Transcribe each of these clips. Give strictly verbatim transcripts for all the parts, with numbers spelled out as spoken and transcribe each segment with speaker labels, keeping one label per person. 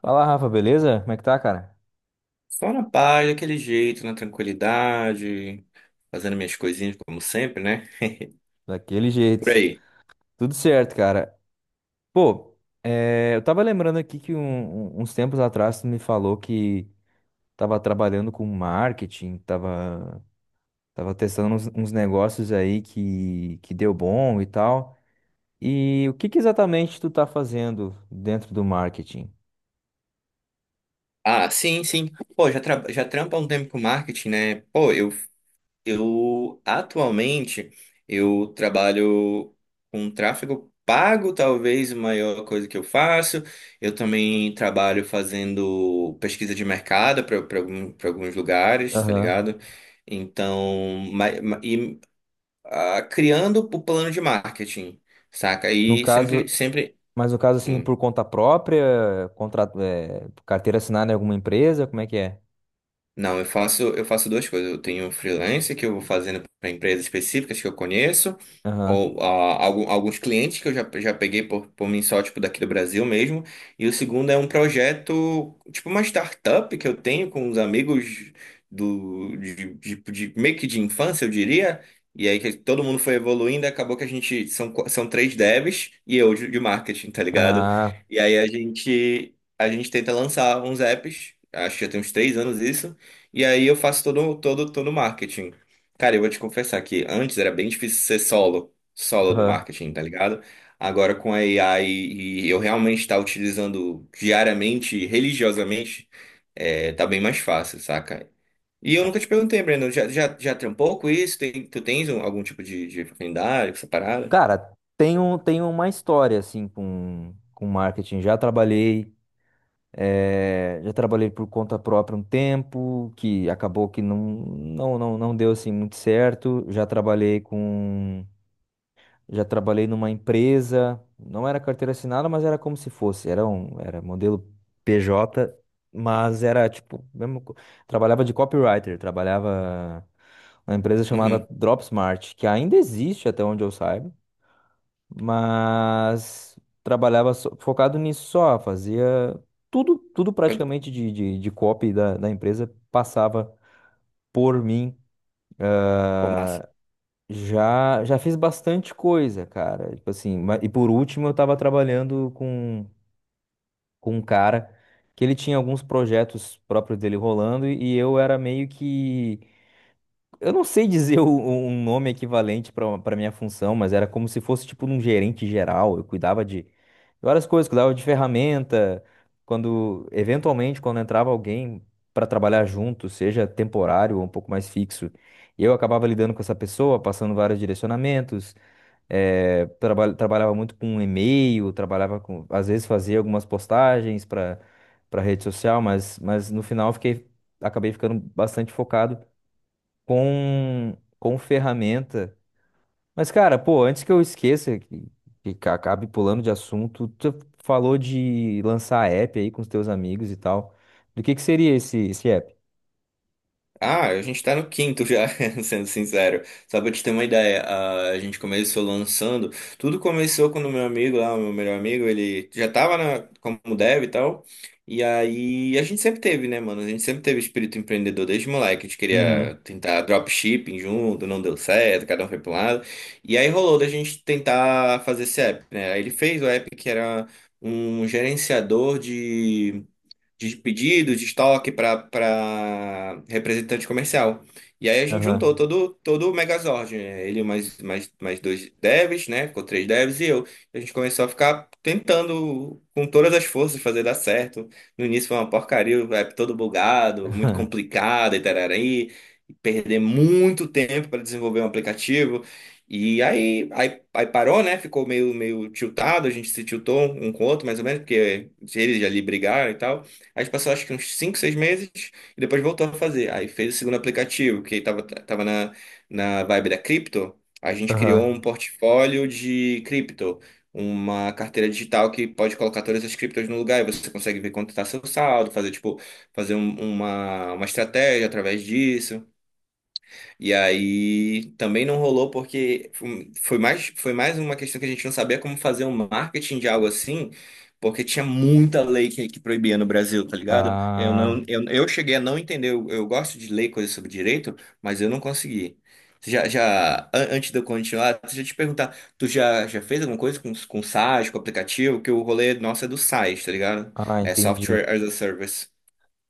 Speaker 1: Fala, Rafa, beleza? Como é que tá, cara?
Speaker 2: Só na paz, daquele jeito, na tranquilidade, fazendo minhas coisinhas como sempre, né?
Speaker 1: Daquele
Speaker 2: Por
Speaker 1: jeito.
Speaker 2: aí.
Speaker 1: Tudo certo, cara. Pô, é, eu tava lembrando aqui que um- um- uns tempos atrás tu me falou que tava trabalhando com marketing, tava, tava testando uns, uns negócios aí que, que deu bom e tal. E o que que exatamente tu tá fazendo dentro do marketing?
Speaker 2: Ah, sim, sim. Pô, já, tra já trampo há um tempo com marketing, né? Pô, eu, eu atualmente eu trabalho com tráfego pago, talvez a maior coisa que eu faço. Eu também trabalho fazendo pesquisa de mercado para alguns lugares, tá
Speaker 1: Aham.
Speaker 2: ligado? Então, ma- ma- e ah, criando o plano de marketing, saca?
Speaker 1: No
Speaker 2: E sempre,
Speaker 1: caso,
Speaker 2: sempre.
Speaker 1: mas no caso assim,
Speaker 2: hum.
Speaker 1: por conta própria, contrato, é, carteira assinada em alguma empresa, como é que é?
Speaker 2: Não, eu faço, eu faço duas coisas. Eu tenho freelance que eu vou fazendo para empresas específicas que eu conheço,
Speaker 1: Aham.
Speaker 2: ou ah, algu- alguns clientes que eu já, já peguei por, por mim só, tipo, daqui do Brasil mesmo. E o segundo é um projeto, tipo uma startup que eu tenho com uns amigos do, de, de, de- meio que de infância, eu diria. E aí que todo mundo foi evoluindo, e acabou que a gente são, qu- são três devs e eu de de marketing, tá ligado?
Speaker 1: Ah,
Speaker 2: E aí a gente, a gente tenta lançar uns apps, acho que já tem uns três anos isso. E aí eu faço todo, todo, todo o marketing. Cara, eu vou te confessar que antes era bem difícil ser solo, solo no
Speaker 1: aham.
Speaker 2: marketing, tá ligado? Agora com a AI e eu realmente estar utilizando diariamente, religiosamente, é, tá bem mais fácil, saca? E eu nunca te perguntei, Breno, já, já, já trampou com isso? Tem, tu tens um- algum tipo de, de afinidade com essa parada?
Speaker 1: Cara, tem um, tem uma história assim com, com marketing. Já trabalhei, eh, já trabalhei por conta própria um tempo, que acabou que não, não, não, não deu assim muito certo. Já trabalhei com, já trabalhei numa empresa, não era carteira assinada, mas era como se fosse, era um, era modelo P J, mas era tipo, mesmo, co- trabalhava de copywriter, trabalhava uma empresa chamada
Speaker 2: Uhum.
Speaker 1: Dropsmart, que ainda existe até onde eu saiba, mas trabalhava só- focado nisso só, fazia tudo, tudo praticamente de, de, de copy da, da empresa passava por mim.
Speaker 2: Pô, massa.
Speaker 1: Já, já fiz bastante coisa, cara. Tipo assim, ma- e por último eu tava trabalhando com, com um cara que ele tinha alguns projetos próprios dele rolando e eu era meio que. Eu não sei dizer o- um nome equivalente para para minha função, mas era como se fosse tipo um gerente geral. Eu cuidava de várias coisas, cuidava de ferramenta. Quando, eventualmente, quando entrava alguém para trabalhar junto, seja temporário ou um pouco mais fixo, eu acabava lidando com essa pessoa, passando vários direcionamentos. Eh, traba- trabalhava muito com e-mail, trabalhava com, às vezes fazia algumas postagens para para rede social, mas, mas no final eu fiquei, acabei ficando bastante focado com, com ferramenta. Mas, cara, pô, antes que eu esqueça, que, que ca- acabe pulando de assunto, tu falou de lançar app aí com os teus amigos e tal. Do que que seria esse, esse app?
Speaker 2: Ah, a gente tá no quinto já, sendo sincero. Só pra te ter uma ideia, a a gente começou lançando. Tudo começou quando o meu amigo lá, o meu melhor amigo, ele já tava na, como dev e tal. E aí a gente sempre teve, né, mano? A gente sempre teve espírito empreendedor desde moleque. A gente queria
Speaker 1: Uhum.
Speaker 2: tentar dropshipping junto, não deu certo, cada um foi pra um lado. E aí rolou da gente tentar fazer esse app, né? Aí ele fez o app que era um gerenciador de de pedido, de estoque para representante comercial. E aí a gente juntou
Speaker 1: Aham.
Speaker 2: todo, todo o Megazord, né? Ele mais, mais, mais dois devs, né? Ficou três devs e eu. A gente começou a ficar tentando com todas as forças fazer dar certo. No início foi uma porcaria, o app todo bugado, muito
Speaker 1: Aham.
Speaker 2: complicado e tarari. e Perder muito tempo para desenvolver um aplicativo. E aí, aí, aí parou, né? Ficou meio, meio tiltado, a gente se tiltou um com o outro, mais ou menos, porque eles ali brigaram e tal. Aí a gente passou acho que uns cinco seis meses e depois voltou a fazer. Aí fez o segundo aplicativo, que tava, tava na, na vibe da cripto. A gente criou um portfólio de cripto, uma carteira digital que pode colocar todas as criptos no lugar e você consegue ver quanto está seu saldo, fazer tipo, fazer um- uma, uma estratégia através disso. E aí também não rolou porque foi foi mais, foi mais uma questão que a gente não sabia como fazer um marketing de algo assim, porque tinha muita lei que, que proibia no Brasil, tá ligado? Eu não,
Speaker 1: Ah,
Speaker 2: eu, eu cheguei a não entender, eu, eu gosto de ler coisas sobre direito, mas eu não consegui. Já, já, an- antes de eu continuar, deixa eu te perguntar, tu já, já fez alguma coisa com, com SaaS, com aplicativo? Que o rolê nosso é do SaaS, tá ligado?
Speaker 1: ah,
Speaker 2: É
Speaker 1: entendi.
Speaker 2: Software as a Service.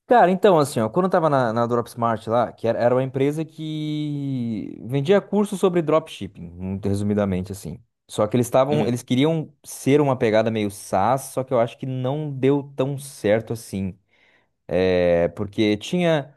Speaker 1: Cara, então, assim, ó, quando eu tava na, na Dropsmart lá, que era, era uma empresa que vendia cursos sobre dropshipping, muito resumidamente, assim. Só que eles estavam,
Speaker 2: Uhum.
Speaker 1: eles queriam ser uma pegada meio SaaS, só que eu acho que não deu tão certo assim. É, porque tinha.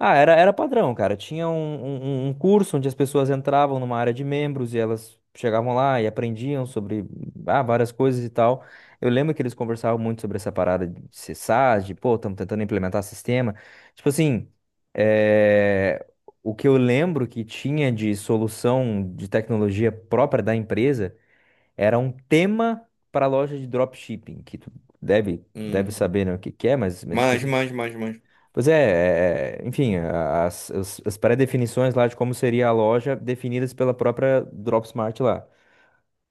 Speaker 1: Ah, era, era padrão, cara. Tinha um, um, um um curso onde as pessoas entravam numa área de membros e elas chegavam lá e aprendiam sobre ah, várias coisas e tal. Eu lembro que eles conversavam muito sobre essa parada de ser SaaS, de pô, estamos tentando implementar sistema. Tipo assim, eh, o que eu lembro que tinha de solução de tecnologia própria da empresa era um tema para a loja de dropshipping, que tu deve, deve
Speaker 2: Uhum.
Speaker 1: saber, né, o que que é, mas, mas tipo
Speaker 2: Manjo,
Speaker 1: assim.
Speaker 2: manjo, manjo, manjo.
Speaker 1: Pois é, é, é, enfim, a- as, as pré-definições lá de como seria a loja definidas pela própria Dropsmart lá.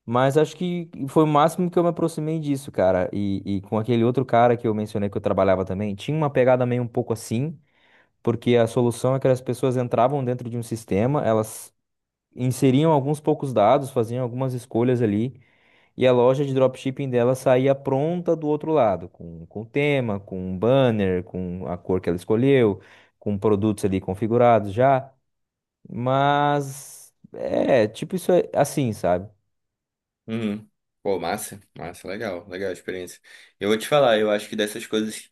Speaker 1: Mas acho que foi o máximo que eu me aproximei disso, cara. E, e com aquele outro cara que eu mencionei que eu trabalhava também, tinha uma pegada meio um pouco assim, porque a solução é que as pessoas entravam dentro de um sistema, elas inseriam alguns poucos dados, faziam algumas escolhas ali. E a loja de dropshipping dela saía pronta do outro lado, com, com o tema, com o banner, com a cor que ela escolheu, com produtos ali configurados já. Mas é, tipo isso é assim, sabe?
Speaker 2: Uhum. Pô, massa, massa, legal, legal a experiência. Eu vou te falar, eu acho que dessas coisas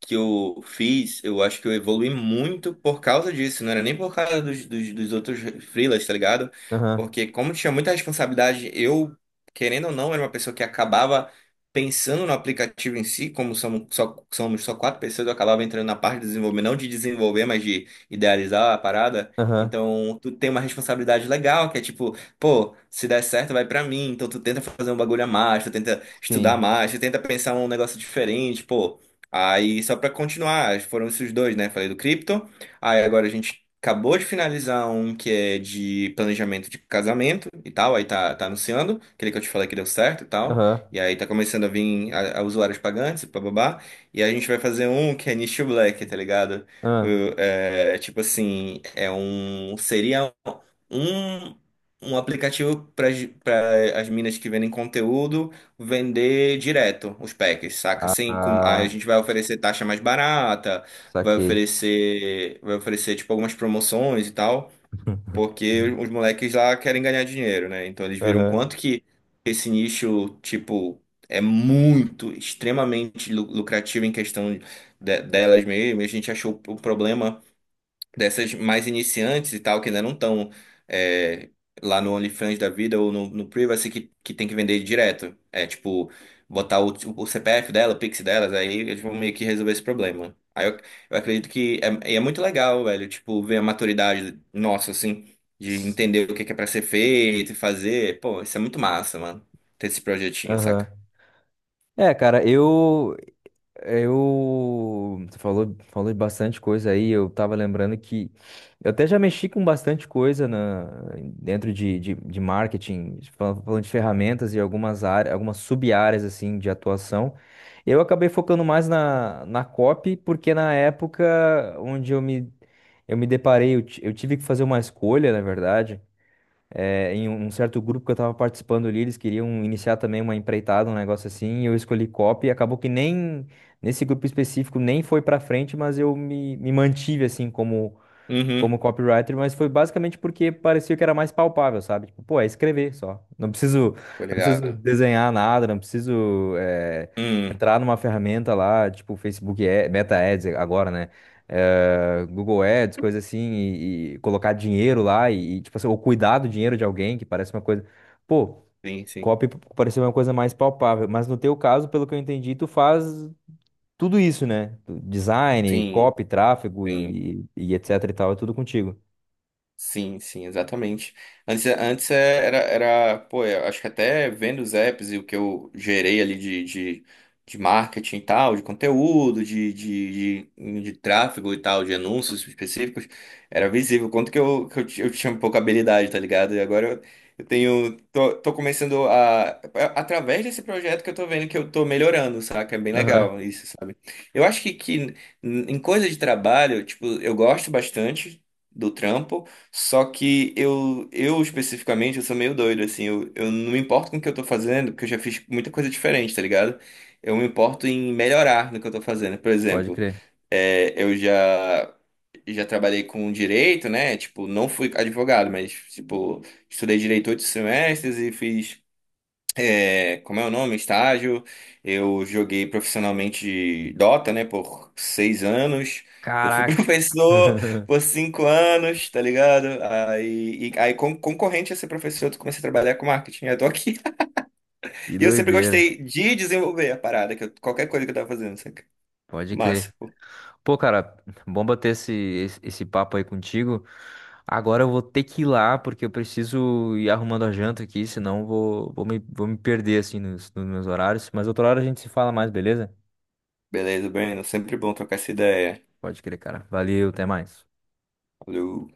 Speaker 2: que eu fiz, eu acho que eu evolui muito por causa disso. Não era nem por causa dos, dos, dos outros freelas, tá ligado?
Speaker 1: Aham,
Speaker 2: Porque como tinha muita responsabilidade, eu, querendo ou não, era uma pessoa que acabava pensando no aplicativo em si, como somos só, somos só quatro pessoas, eu acabava entrando na parte de desenvolver, não de desenvolver, mas de idealizar a parada.
Speaker 1: aham,
Speaker 2: Então, tu tem uma responsabilidade legal, que é tipo, pô, se der certo, vai pra mim. Então, tu tenta fazer um bagulho a mais, tu tenta
Speaker 1: sim.
Speaker 2: estudar mais, tu tenta pensar um negócio diferente, pô. Aí, só para continuar, foram esses dois, né? Falei do cripto. Aí, agora a gente acabou de finalizar um que é de planejamento de casamento e tal. Aí tá, tá anunciando, aquele que eu te falei que deu certo e tal.
Speaker 1: Aham,
Speaker 2: E aí tá começando a vir a, a usuários pagantes, bababá. E aí a gente vai fazer um que é nicho black, tá ligado? O-
Speaker 1: aham.
Speaker 2: É, tipo assim, é um. Seria um, um aplicativo para as minas que vendem conteúdo vender direto os packs, saca? Assim, com, aí a
Speaker 1: Ah,
Speaker 2: gente vai oferecer taxa mais barata, vai
Speaker 1: saquei.
Speaker 2: oferecer, vai oferecer tipo algumas promoções e tal, porque os moleques lá querem ganhar dinheiro, né? Então eles viram
Speaker 1: Aham.
Speaker 2: quanto que esse nicho, tipo, é muito, extremamente lu- lucrativo em questão de- delas mesmo, e a gente achou o problema dessas mais iniciantes e tal, que ainda não estão é, lá no OnlyFans da vida ou no, no Privacy, que, que tem que vender direto. É tipo, botar o, o C P F dela, o Pix delas, aí eles vão meio que resolver esse problema. Aí eu, eu acredito que é, e é muito legal, velho, tipo, ver a maturidade nossa, assim, de
Speaker 1: s-
Speaker 2: entender o que é que é pra ser feito e fazer. Pô, isso é muito massa, mano, ter esse projetinho,
Speaker 1: Aham.
Speaker 2: saca?
Speaker 1: É, cara, eu eu você falou, falou de bastante coisa aí. Eu tava lembrando que eu até já mexi com bastante coisa na, dentro de, de, de marketing, fal- falando de ferramentas e algumas áreas, algumas sub-áreas assim de atuação. Eu acabei focando mais na, na copy, porque na época onde eu me, eu me deparei, eu, ti- eu tive que fazer uma escolha, na verdade é, em um um certo grupo que eu estava participando ali, eles queriam iniciar também uma empreitada, um negócio assim, e eu escolhi copy, e acabou que nem nesse grupo específico nem foi para frente, mas eu me, me mantive assim como
Speaker 2: Uhum,
Speaker 1: como copywriter, mas foi basicamente porque parecia que era mais palpável, sabe? Tipo, pô, é escrever só. Não preciso,
Speaker 2: tô
Speaker 1: não preciso
Speaker 2: ligado.
Speaker 1: desenhar nada, não preciso eh,
Speaker 2: Hum,
Speaker 1: entrar numa ferramenta lá, tipo Facebook Ad- Meta Ads agora, né? Eh, Google Ads, coisa assim, e, e colocar dinheiro lá e, e, tipo assim, ou cuidar do dinheiro de alguém, que parece uma coisa. Pô,
Speaker 2: sim, sim.
Speaker 1: copy pareceu uma coisa mais palpável, mas no teu caso, pelo que eu entendi, tu faz tudo isso, né? Design,
Speaker 2: Sim,
Speaker 1: copy, tráfego
Speaker 2: sim.
Speaker 1: e, e etc e tal, é tudo contigo.
Speaker 2: Sim, sim, exatamente. Antes, antes é- era, era, pô, é, eu acho que até vendo os apps e o que eu gerei ali de, de, de marketing e tal, de conteúdo, de, de, de, de tráfego e tal, de anúncios específicos, era visível o quanto que eu, que eu, ti- eu tinha pouca habilidade, tá ligado? E agora eu, eu tenho, tô, tô começando a, é, através desse projeto que eu tô vendo que eu tô melhorando, saca? É bem
Speaker 1: Aham,
Speaker 2: legal isso, sabe? Eu acho que, que em em coisa de trabalho, tipo, eu gosto bastante do trampo, só que eu, eu especificamente, eu sou meio doido, assim, eu, eu não me importo com o que eu tô fazendo, porque eu já fiz muita coisa diferente, tá ligado? Eu me importo em melhorar no que eu tô fazendo. Por
Speaker 1: pode
Speaker 2: exemplo,
Speaker 1: crer.
Speaker 2: é, eu já, já trabalhei com direito, né? Tipo, não fui advogado, mas, tipo, estudei direito oito semestres e fiz é, como é o nome? Estágio. Eu joguei profissionalmente Dota, né, por seis anos. Eu fui
Speaker 1: Caraca.
Speaker 2: professor por cinco anos, tá ligado? Aí, e- aí con- concorrente a ser professor, eu comecei a trabalhar com marketing. Eu tô aqui.
Speaker 1: Que
Speaker 2: E eu sempre
Speaker 1: doideira.
Speaker 2: gostei de desenvolver a parada, que eu- qualquer coisa que eu tava fazendo, saca?
Speaker 1: Pode
Speaker 2: Massa.
Speaker 1: crer.
Speaker 2: Pô,
Speaker 1: Pô, cara, bom bater esse, esse, esse papo aí contigo. Agora eu vou ter que ir lá, porque eu preciso ir arrumando a janta aqui, senão eu vou, vou me, vou me perder, assim, nos, nos meus horários. Mas outra hora a gente se fala mais, beleza?
Speaker 2: beleza, Breno. Sempre bom trocar essa ideia.
Speaker 1: Pode crer, cara. Valeu, até mais.
Speaker 2: Valeu.